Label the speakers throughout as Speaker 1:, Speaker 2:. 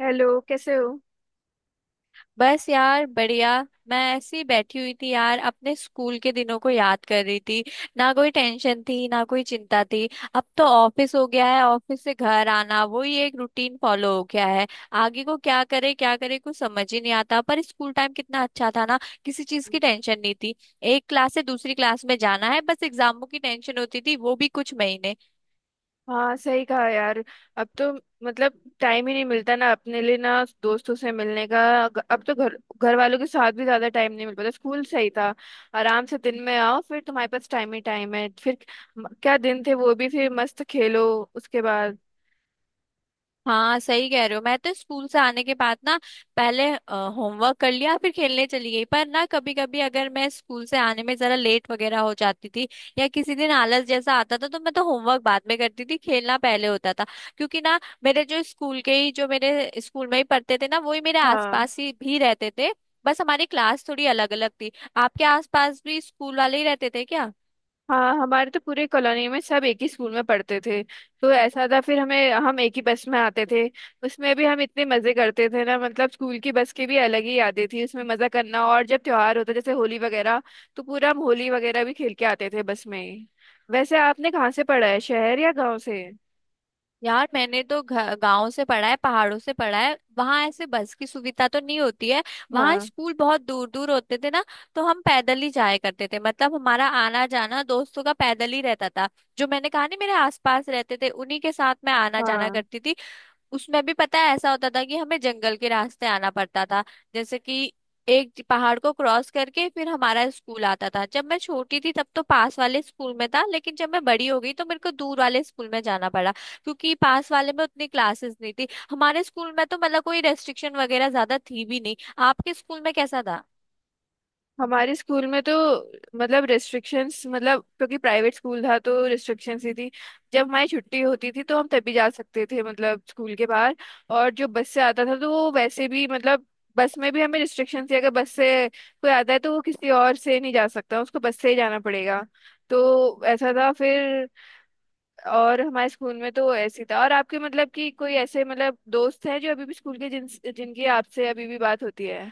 Speaker 1: Hello, कैसे हो?
Speaker 2: बस यार बढ़िया। मैं ऐसी बैठी हुई थी यार, अपने स्कूल के दिनों को याद कर रही थी। ना कोई टेंशन थी, ना कोई चिंता थी। अब तो ऑफिस हो गया है, ऑफिस से घर आना, वही एक रूटीन फॉलो हो गया है। आगे को क्या करे क्या करे, कुछ समझ ही नहीं आता। पर स्कूल टाइम कितना अच्छा था ना। किसी चीज की टेंशन नहीं थी, एक क्लास से दूसरी क्लास में जाना है, बस एग्जामों की टेंशन होती थी, वो भी कुछ महीने।
Speaker 1: हाँ, सही कहा यार। अब तो मतलब टाइम ही नहीं मिलता ना, अपने लिए, ना दोस्तों से मिलने का। अब तो घर घर वालों के साथ भी ज्यादा टाइम नहीं मिल पाता। स्कूल सही था, आराम से दिन में आओ फिर, तुम्हारे पास टाइम ही टाइम है। फिर क्या दिन थे वो भी, फिर मस्त खेलो उसके बाद।
Speaker 2: हाँ सही कह रहे हो, मैं तो स्कूल से आने के बाद ना पहले होमवर्क कर लिया, फिर खेलने चली गई। पर ना कभी कभी अगर मैं स्कूल से आने में जरा लेट वगैरह हो जाती थी या किसी दिन आलस जैसा आता था, तो मैं तो होमवर्क बाद में करती थी, खेलना पहले होता था। क्योंकि ना मेरे जो स्कूल के ही जो मेरे स्कूल में ही पढ़ते थे ना, वही मेरे
Speaker 1: हाँ।
Speaker 2: आसपास ही भी रहते थे। बस हमारी क्लास थोड़ी अलग अलग थी। आपके आसपास भी स्कूल वाले ही रहते थे क्या?
Speaker 1: हाँ, हमारे तो पूरे कॉलोनी में सब एक ही स्कूल में पढ़ते थे। तो ऐसा था फिर, हमें हम एक ही बस में आते थे। उसमें भी हम इतने मजे करते थे ना, मतलब स्कूल की बस की भी अलग ही यादें थी, उसमें मजा करना। और जब त्योहार होता जैसे होली वगैरह, तो पूरा हम होली वगैरह भी खेल के आते थे बस में ही। वैसे आपने कहाँ से पढ़ा है, शहर या गांव से?
Speaker 2: यार मैंने तो गांव से पढ़ा है, पहाड़ों से पढ़ा है, वहां ऐसे बस की सुविधा तो नहीं होती है। वहां
Speaker 1: हाँ।
Speaker 2: स्कूल बहुत दूर दूर होते थे ना। तो हम पैदल ही जाया करते थे, मतलब हमारा आना जाना दोस्तों का पैदल ही रहता था। जो मैंने कहा नहीं मेरे आसपास रहते थे, उन्हीं के साथ मैं आना जाना
Speaker 1: हाँ,
Speaker 2: करती थी। उसमें भी पता है ऐसा होता था कि हमें जंगल के रास्ते आना पड़ता था। जैसे कि एक पहाड़ को क्रॉस करके फिर हमारा स्कूल आता था। जब मैं छोटी थी तब तो पास वाले स्कूल में था, लेकिन जब मैं बड़ी हो गई तो मेरे को दूर वाले स्कूल में जाना पड़ा, क्योंकि पास वाले में उतनी क्लासेस नहीं थी। हमारे स्कूल में तो मतलब कोई रेस्ट्रिक्शन वगैरह ज्यादा थी भी नहीं। आपके स्कूल में कैसा था?
Speaker 1: हमारे स्कूल में तो मतलब रिस्ट्रिक्शंस, मतलब क्योंकि प्राइवेट स्कूल था तो रिस्ट्रिक्शंस ही थी। जब हमारी छुट्टी होती थी तो हम तभी जा सकते थे, मतलब स्कूल के बाहर। और जो बस से आता था तो वो वैसे भी, मतलब बस में भी हमें रिस्ट्रिक्शन थी। अगर बस से कोई आता है तो वो किसी और से नहीं जा सकता, उसको बस से ही जाना पड़ेगा। तो ऐसा था फिर। और हमारे स्कूल में तो ऐसी था। और आपके मतलब कि कोई ऐसे मतलब दोस्त हैं जो अभी भी स्कूल के जिनकी आपसे अभी भी बात होती है?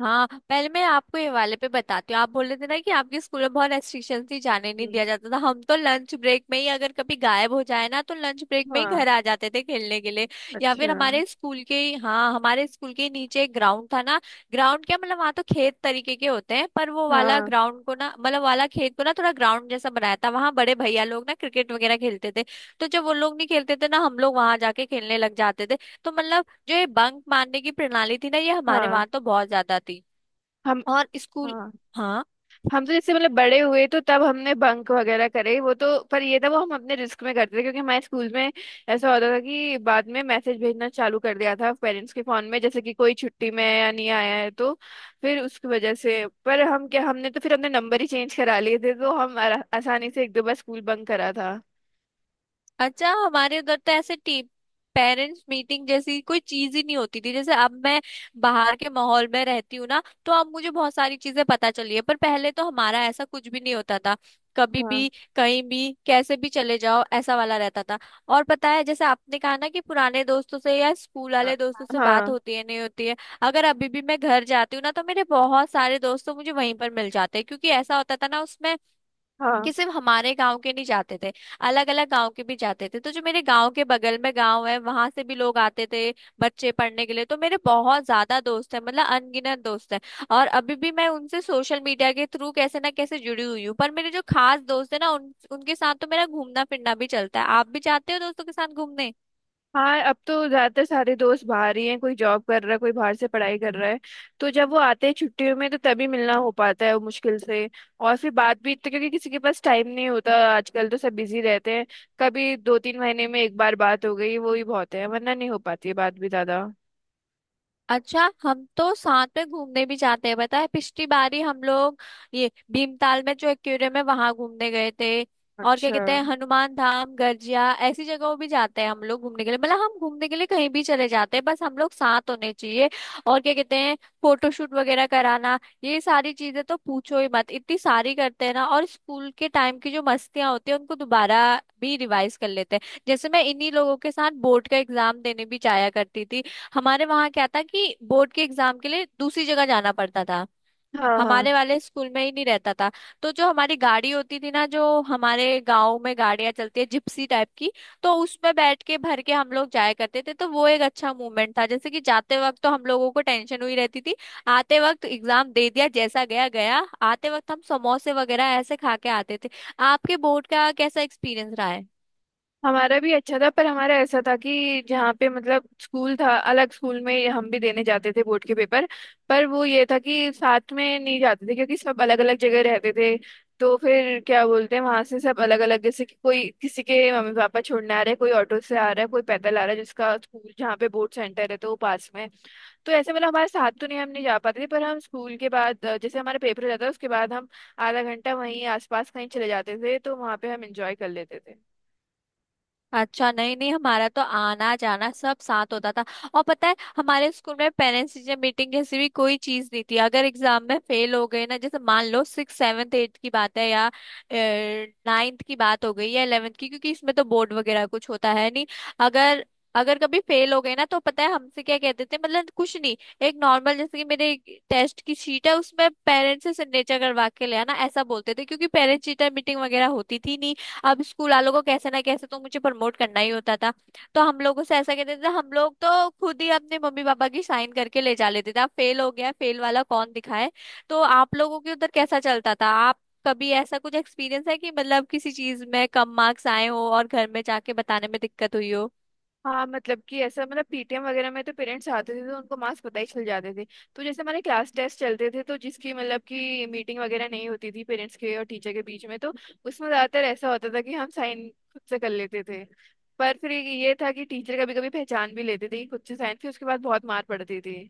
Speaker 2: हाँ पहले मैं आपको ये वाले पे बताती हूँ। आप बोल रहे थे ना कि आपके स्कूल में बहुत रेस्ट्रिक्शन थी, जाने नहीं
Speaker 1: हम्म।
Speaker 2: दिया जाता था। हम तो लंच ब्रेक में ही अगर कभी गायब हो जाए ना, तो लंच ब्रेक में ही
Speaker 1: हाँ।
Speaker 2: घर आ जाते थे खेलने के लिए। या फिर
Speaker 1: अच्छा।
Speaker 2: हमारे स्कूल के ही- हाँ, हमारे स्कूल के ही नीचे एक ग्राउंड था ना। ग्राउंड क्या, मतलब वहाँ तो खेत तरीके के होते हैं, पर वो वाला
Speaker 1: हाँ।
Speaker 2: ग्राउंड को ना मतलब वाला खेत को ना थोड़ा ग्राउंड जैसा बनाया था, वहाँ बड़े भैया लोग ना क्रिकेट वगैरह खेलते थे। तो जब वो लोग नहीं खेलते थे ना, हम लोग वहां जाके खेलने लग जाते थे। तो मतलब जो ये बंक मारने की प्रणाली थी ना, ये हमारे
Speaker 1: हाँ।
Speaker 2: वहां तो बहुत ज्यादा थी।
Speaker 1: हम।
Speaker 2: और स्कूल
Speaker 1: हाँ।
Speaker 2: हाँ,
Speaker 1: हम तो जैसे मतलब बड़े हुए तो तब हमने बंक वगैरह करे वो तो। पर ये था, वो हम अपने रिस्क में करते थे, क्योंकि हमारे स्कूल में ऐसा होता था कि बाद में मैसेज भेजना चालू कर दिया था पेरेंट्स के फोन में, जैसे कि कोई छुट्टी में है या नहीं आया है तो। फिर उसकी वजह से, पर हम क्या, हमने तो फिर अपने नंबर ही चेंज करा लिए थे, तो हम आसानी से एक दो बार स्कूल बंक करा था।
Speaker 2: अच्छा हमारे उधर तो ऐसे टी पेरेंट्स मीटिंग जैसी कोई चीज ही नहीं होती थी। जैसे अब मैं बाहर के माहौल में रहती हूँ ना, तो अब मुझे बहुत सारी चीजें पता चली है। पर पहले तो हमारा ऐसा कुछ भी नहीं होता था। कभी
Speaker 1: हाँ।
Speaker 2: भी कहीं भी कैसे भी चले जाओ, ऐसा वाला रहता था। और पता है जैसे आपने कहा ना कि पुराने दोस्तों से या स्कूल
Speaker 1: अ-
Speaker 2: वाले दोस्तों से बात
Speaker 1: हाँ
Speaker 2: होती है नहीं होती है, अगर अभी भी मैं घर जाती हूँ ना, तो मेरे बहुत सारे दोस्त तो मुझे वहीं पर मिल जाते हैं। क्योंकि ऐसा होता था ना उसमें
Speaker 1: हाँ।
Speaker 2: कि सिर्फ हमारे गांव के नहीं जाते थे, अलग अलग गांव के भी जाते थे। तो जो मेरे गांव के बगल में गांव है, वहां से भी लोग आते थे बच्चे पढ़ने के लिए। तो मेरे बहुत ज्यादा दोस्त है, मतलब अनगिनत दोस्त है। और अभी भी मैं उनसे सोशल मीडिया के थ्रू कैसे ना कैसे जुड़ी हुई हूँ। पर मेरे जो खास दोस्त है ना, उनके साथ तो मेरा घूमना फिरना भी चलता है। आप भी जाते हो दोस्तों के साथ घूमने?
Speaker 1: हाँ, अब तो ज्यादातर सारे दोस्त बाहर ही हैं, कोई जॉब कर रहा है, कोई बाहर से पढ़ाई कर रहा है। तो जब वो आते हैं छुट्टियों में तो तभी मिलना हो पाता है, वो मुश्किल से। और फिर बात भी तो, क्योंकि किसी के पास टाइम नहीं होता आजकल, तो सब बिजी रहते हैं। कभी दो तीन महीने में एक बार बात हो गई वो ही बहुत है, वरना नहीं हो पाती है बात भी ज्यादा।
Speaker 2: अच्छा, हम तो साथ में घूमने भी जाते हैं। बताए, पिछली बारी हम लोग ये भीमताल में जो एक्वेरियम है वहां घूमने गए थे। और क्या
Speaker 1: अच्छा।
Speaker 2: कहते हैं, हनुमान धाम, गर्जिया, ऐसी जगहों भी जाते हैं हम लोग घूमने के लिए। मतलब हम घूमने के लिए कहीं भी चले जाते हैं, बस हम लोग साथ होने चाहिए। और क्या कहते हैं, फोटोशूट वगैरह कराना, ये सारी चीजें तो पूछो ही मत, इतनी सारी करते हैं ना। और स्कूल के टाइम की जो मस्तियां होती है उनको दोबारा भी रिवाइज कर लेते हैं। जैसे मैं इन्हीं लोगों के साथ बोर्ड का एग्जाम देने भी जाया करती थी। हमारे वहां क्या था कि बोर्ड के एग्जाम के लिए दूसरी जगह जाना पड़ता था।
Speaker 1: हाँ। हाँ,
Speaker 2: हमारे वाले स्कूल में ही नहीं रहता था। तो जो हमारी गाड़ी होती थी ना, जो हमारे गांव में गाड़ियां चलती है जिप्सी टाइप की, तो उसमें बैठ के भर के हम लोग जाया करते थे। तो वो एक अच्छा मूवमेंट था। जैसे कि जाते वक्त तो हम लोगों को टेंशन हुई रहती थी, आते वक्त एग्जाम दे दिया जैसा गया गया। आते वक्त हम समोसे वगैरह ऐसे खा के आते थे। आपके बोर्ड का कैसा एक्सपीरियंस रहा है?
Speaker 1: हमारा भी अच्छा था। पर हमारा ऐसा था कि जहाँ पे मतलब स्कूल था, अलग स्कूल में हम भी देने जाते थे बोर्ड के पेपर। पर वो ये था कि साथ में नहीं जाते थे, क्योंकि सब अलग अलग जगह रहते थे। तो फिर क्या बोलते हैं, वहां से सब अलग अलग, जैसे कि कोई किसी के मम्मी पापा छोड़ने आ रहे हैं, कोई ऑटो से आ रहा है, कोई पैदल आ रहा है, जिसका स्कूल जहाँ पे बोर्ड सेंटर है तो वो पास में है। तो ऐसे मतलब हमारे साथ तो नहीं, हम नहीं जा पाते थे। पर हम स्कूल के बाद जैसे हमारा पेपर हो जाता था उसके बाद हम आधा घंटा वहीं आसपास कहीं चले जाते थे, तो वहाँ पे हम इंजॉय कर लेते थे।
Speaker 2: अच्छा, नहीं नहीं, हमारा तो आना जाना सब साथ होता था। और पता है हमारे स्कूल में पेरेंट्स टीचर मीटिंग जैसी भी कोई चीज नहीं थी। अगर एग्जाम में फेल हो गए ना, जैसे मान लो सिक्स सेवन्थ एट्थ की बात है या नाइन्थ की बात हो गई या इलेवेंथ की, क्योंकि इसमें तो बोर्ड वगैरह कुछ होता है नहीं। अगर अगर कभी फेल हो गए ना, तो पता है हमसे क्या कहते थे? मतलब कुछ नहीं, एक नॉर्मल जैसे कि मेरे टेस्ट की शीट है उसमें पेरेंट्स से सिग्नेचर करवा के ले आना, ऐसा बोलते थे। क्योंकि पेरेंट्स टीचर मीटिंग वगैरह होती थी नहीं, अब स्कूल वालों को कैसे ना कैसे तो मुझे प्रमोट करना ही होता था। तो हम लोगों से ऐसा कहते थे। हम लोग तो खुद ही अपने मम्मी पापा की साइन करके ले जा लेते थे, अब फेल हो गया फेल वाला कौन दिखाए। तो आप लोगों के उधर कैसा चलता था, आप कभी ऐसा कुछ एक्सपीरियंस है कि मतलब किसी चीज में कम मार्क्स आए हो और घर में जाके बताने में दिक्कत हुई हो?
Speaker 1: हाँ, मतलब कि ऐसा, मतलब पीटीएम वगैरह में तो पेरेंट्स आते थे, तो उनको मार्क्स पता ही चल जाते थे। तो जैसे हमारे क्लास टेस्ट चलते थे तो जिसकी मतलब कि मीटिंग वगैरह नहीं होती थी पेरेंट्स के और टीचर के बीच में, तो उसमें ज्यादातर ऐसा होता था कि हम साइन खुद से कर लेते थे। पर फिर ये था कि टीचर कभी कभी पहचान भी लेते थे कि खुद से साइन, फिर उसके बाद बहुत मार पड़ती थी।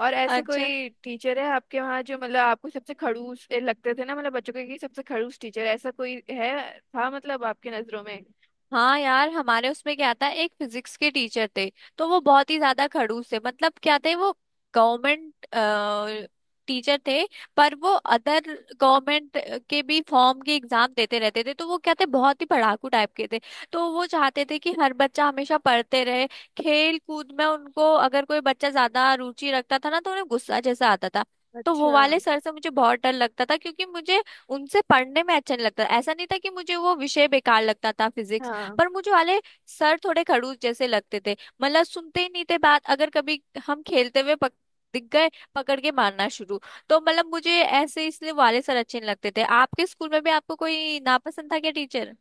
Speaker 1: और ऐसे
Speaker 2: अच्छा,
Speaker 1: कोई टीचर है आपके वहाँ जो मतलब आपको सबसे खड़ूस लगते थे ना, मतलब बच्चों के, कि सबसे खड़ूस टीचर ऐसा कोई है था मतलब आपकी नजरों में?
Speaker 2: हाँ यार, हमारे उसमें क्या था, एक फिजिक्स के टीचर थे। तो वो बहुत ही ज्यादा खड़ूस थे, मतलब क्या थे वो। गवर्नमेंट टीचर थे, पर वो अदर गवर्नमेंट के भी फॉर्म के एग्जाम देते रहते थे। तो वो क्या थे, बहुत ही पढ़ाकू टाइप के थे। तो वो चाहते थे कि हर बच्चा हमेशा पढ़ते रहे। खेल कूद में उनको अगर कोई बच्चा ज्यादा रुचि रखता था ना, तो उन्हें गुस्सा जैसा आता था। तो वो
Speaker 1: अच्छा।
Speaker 2: वाले सर से मुझे बहुत डर लगता था, क्योंकि मुझे उनसे पढ़ने में अच्छा नहीं लगता। ऐसा नहीं था कि मुझे वो विषय बेकार लगता था, फिजिक्स।
Speaker 1: हाँ,
Speaker 2: पर मुझे वाले सर थोड़े खड़ूस जैसे लगते थे। मतलब सुनते ही नहीं थे बात, अगर कभी हम खेलते हुए दिख गए, पकड़ के मारना शुरू। तो मतलब मुझे ऐसे इसलिए वाले सर अच्छे नहीं लगते थे। आपके स्कूल में भी आपको कोई नापसंद था क्या टीचर?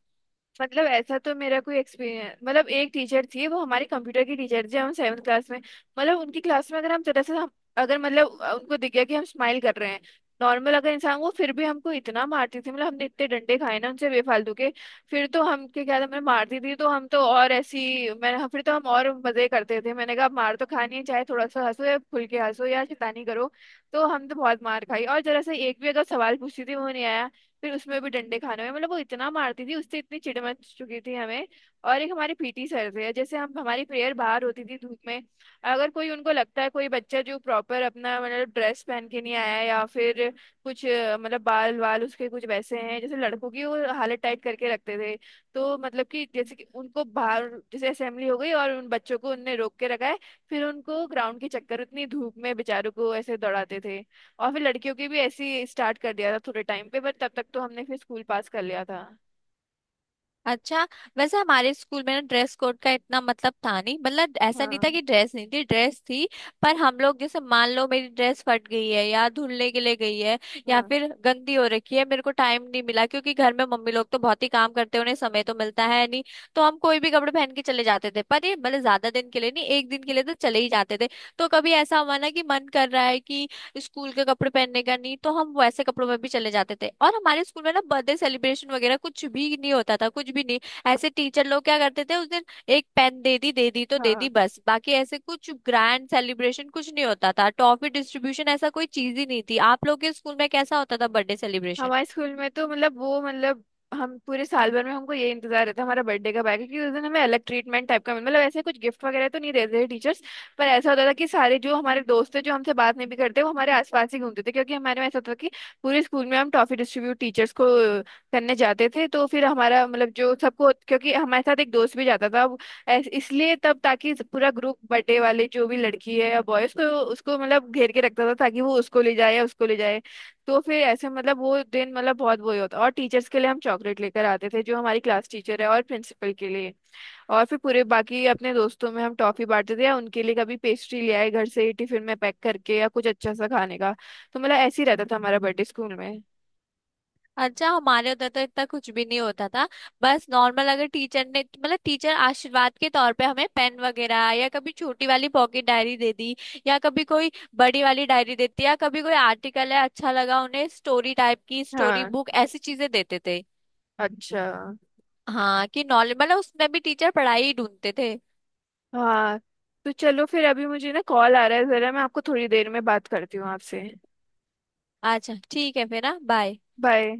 Speaker 1: मतलब ऐसा तो मेरा कोई एक्सपीरियंस, मतलब एक टीचर थी वो हमारी कंप्यूटर की टीचर थी, हम सेवन्थ क्लास में। मतलब उनकी क्लास में अगर हम जरा सा अगर मतलब उनको दिख गया कि हम स्माइल कर रहे हैं नॉर्मल अगर इंसान वो, फिर भी हमको इतना मारती थी, मतलब हमने इतने डंडे खाए ना उनसे बेफालतू के। फिर तो हम के क्या था, मैं मारती थी तो हम तो और ऐसी मैं, हाँ, फिर तो हम और मजे करते थे। मैंने कहा, "आप मार तो खानी है, चाहे थोड़ा सा हंसो या खुल के हंसो या शैतानी करो।" तो हम तो बहुत मार खाई। और जरा सा एक भी अगर सवाल पूछती थी वो नहीं आया, फिर उसमें भी डंडे खाने में, मतलब वो इतना मारती थी, उससे इतनी चिढ़ मच चुकी थी हमें। और एक हमारे पीटी सर थे, जैसे हम हमारी प्रेयर बाहर होती थी धूप में। अगर कोई उनको लगता है कोई बच्चा जो प्रॉपर अपना मतलब ड्रेस पहन के नहीं आया है, या फिर कुछ मतलब बाल वाल उसके कुछ वैसे हैं जैसे लड़कों की, वो हालत टाइट करके रखते थे। तो मतलब कि जैसे कि उनको बाहर जैसे असेंबली हो गई और उन बच्चों को उनने रोक के रखा है, फिर उनको ग्राउंड के चक्कर उतनी धूप में बेचारों को ऐसे दौड़ाते थे। और फिर लड़कियों की भी ऐसे ही स्टार्ट कर दिया था थोड़े टाइम पे, बट तब तक तो हमने फिर स्कूल पास कर लिया था।
Speaker 2: अच्छा। वैसे हमारे स्कूल में ना ड्रेस कोड का इतना मतलब था नहीं। मतलब ऐसा नहीं था
Speaker 1: हाँ।
Speaker 2: कि ड्रेस नहीं थी, ड्रेस थी। पर हम लोग जैसे मान लो मेरी ड्रेस फट गई है या धुलने के लिए गई है या
Speaker 1: हाँ,
Speaker 2: फिर गंदी हो रखी है, मेरे को टाइम नहीं मिला, क्योंकि घर में मम्मी लोग तो बहुत ही काम करते हैं, उन्हें समय तो मिलता है नहीं। तो हम कोई भी कपड़े पहन के चले जाते थे। पर ये मतलब ज्यादा दिन के लिए नहीं, एक दिन के लिए तो चले ही जाते थे। तो कभी ऐसा हुआ ना कि मन कर रहा है कि स्कूल के कपड़े पहनने का नहीं, तो हम वैसे कपड़ों में भी चले जाते थे। और हमारे स्कूल में ना बर्थडे सेलिब्रेशन वगैरह कुछ भी नहीं होता था, कुछ भी नहीं। ऐसे टीचर लोग क्या करते थे उस दिन, एक पेन दे दी, दे दी तो दे
Speaker 1: हाँ
Speaker 2: दी, बस। बाकी ऐसे कुछ ग्रैंड सेलिब्रेशन कुछ नहीं होता था, टॉफी डिस्ट्रीब्यूशन ऐसा कोई चीज ही नहीं थी। आप लोग के स्कूल में कैसा होता था बर्थडे सेलिब्रेशन?
Speaker 1: हमारे स्कूल में तो मतलब वो, मतलब हम पूरे साल भर में हमको ये इंतजार रहता है हमारा बर्थडे कब आएगा, क्योंकि उस दिन हमें अलग ट्रीटमेंट टाइप का मतलब ऐसे कुछ गिफ्ट वगैरह तो नहीं देते थे टीचर्स। पर ऐसा होता था कि सारे जो हमारे दोस्त थे, जो हमसे बात नहीं भी करते वो हमारे आसपास ही घूमते थे, क्योंकि हमारे में ऐसा होता था कि पूरे स्कूल में हम टॉफी डिस्ट्रीब्यूट टीचर्स को करने जाते थे। तो फिर हमारा मतलब जो सबको, क्योंकि हमारे साथ एक दोस्त भी जाता था अब, इसलिए तब ताकि पूरा ग्रुप बर्थडे वाले जो भी लड़की है या बॉय उसको, उसको मतलब घेर के रखता था, ताकि वो उसको ले जाए या उसको ले जाए। तो फिर ऐसे मतलब वो दिन मतलब बहुत वो ही होता। और टीचर्स के लिए हम चॉकलेट लेकर आते थे, जो हमारी क्लास टीचर है और प्रिंसिपल के लिए। और फिर पूरे बाकी अपने दोस्तों में हम टॉफी बांटते थे, या उनके लिए कभी पेस्ट्री ले आए घर से ही टिफिन में पैक करके, या कुछ अच्छा सा खाने का। तो मतलब ऐसे ही रहता था हमारा बर्थडे स्कूल में।
Speaker 2: अच्छा, हमारे उधर तो इतना कुछ भी नहीं होता था। बस नॉर्मल अगर टीचर ने मतलब टीचर आशीर्वाद के तौर पे हमें पेन वगैरह या कभी छोटी वाली पॉकेट डायरी दे दी या कभी कोई बड़ी वाली डायरी देती या कभी कोई आर्टिकल है अच्छा लगा उन्हें, स्टोरी टाइप की स्टोरी
Speaker 1: हाँ।
Speaker 2: बुक, ऐसी चीजें देते थे।
Speaker 1: अच्छा।
Speaker 2: हाँ कि नॉर्मल मतलब उसमें भी टीचर पढ़ाई ही ढूंढते थे।
Speaker 1: हाँ, तो चलो फिर, अभी मुझे ना कॉल आ रहा है, जरा मैं आपको थोड़ी देर में बात करती हूँ आपसे।
Speaker 2: अच्छा, ठीक है, फिर ना, बाय।
Speaker 1: बाय।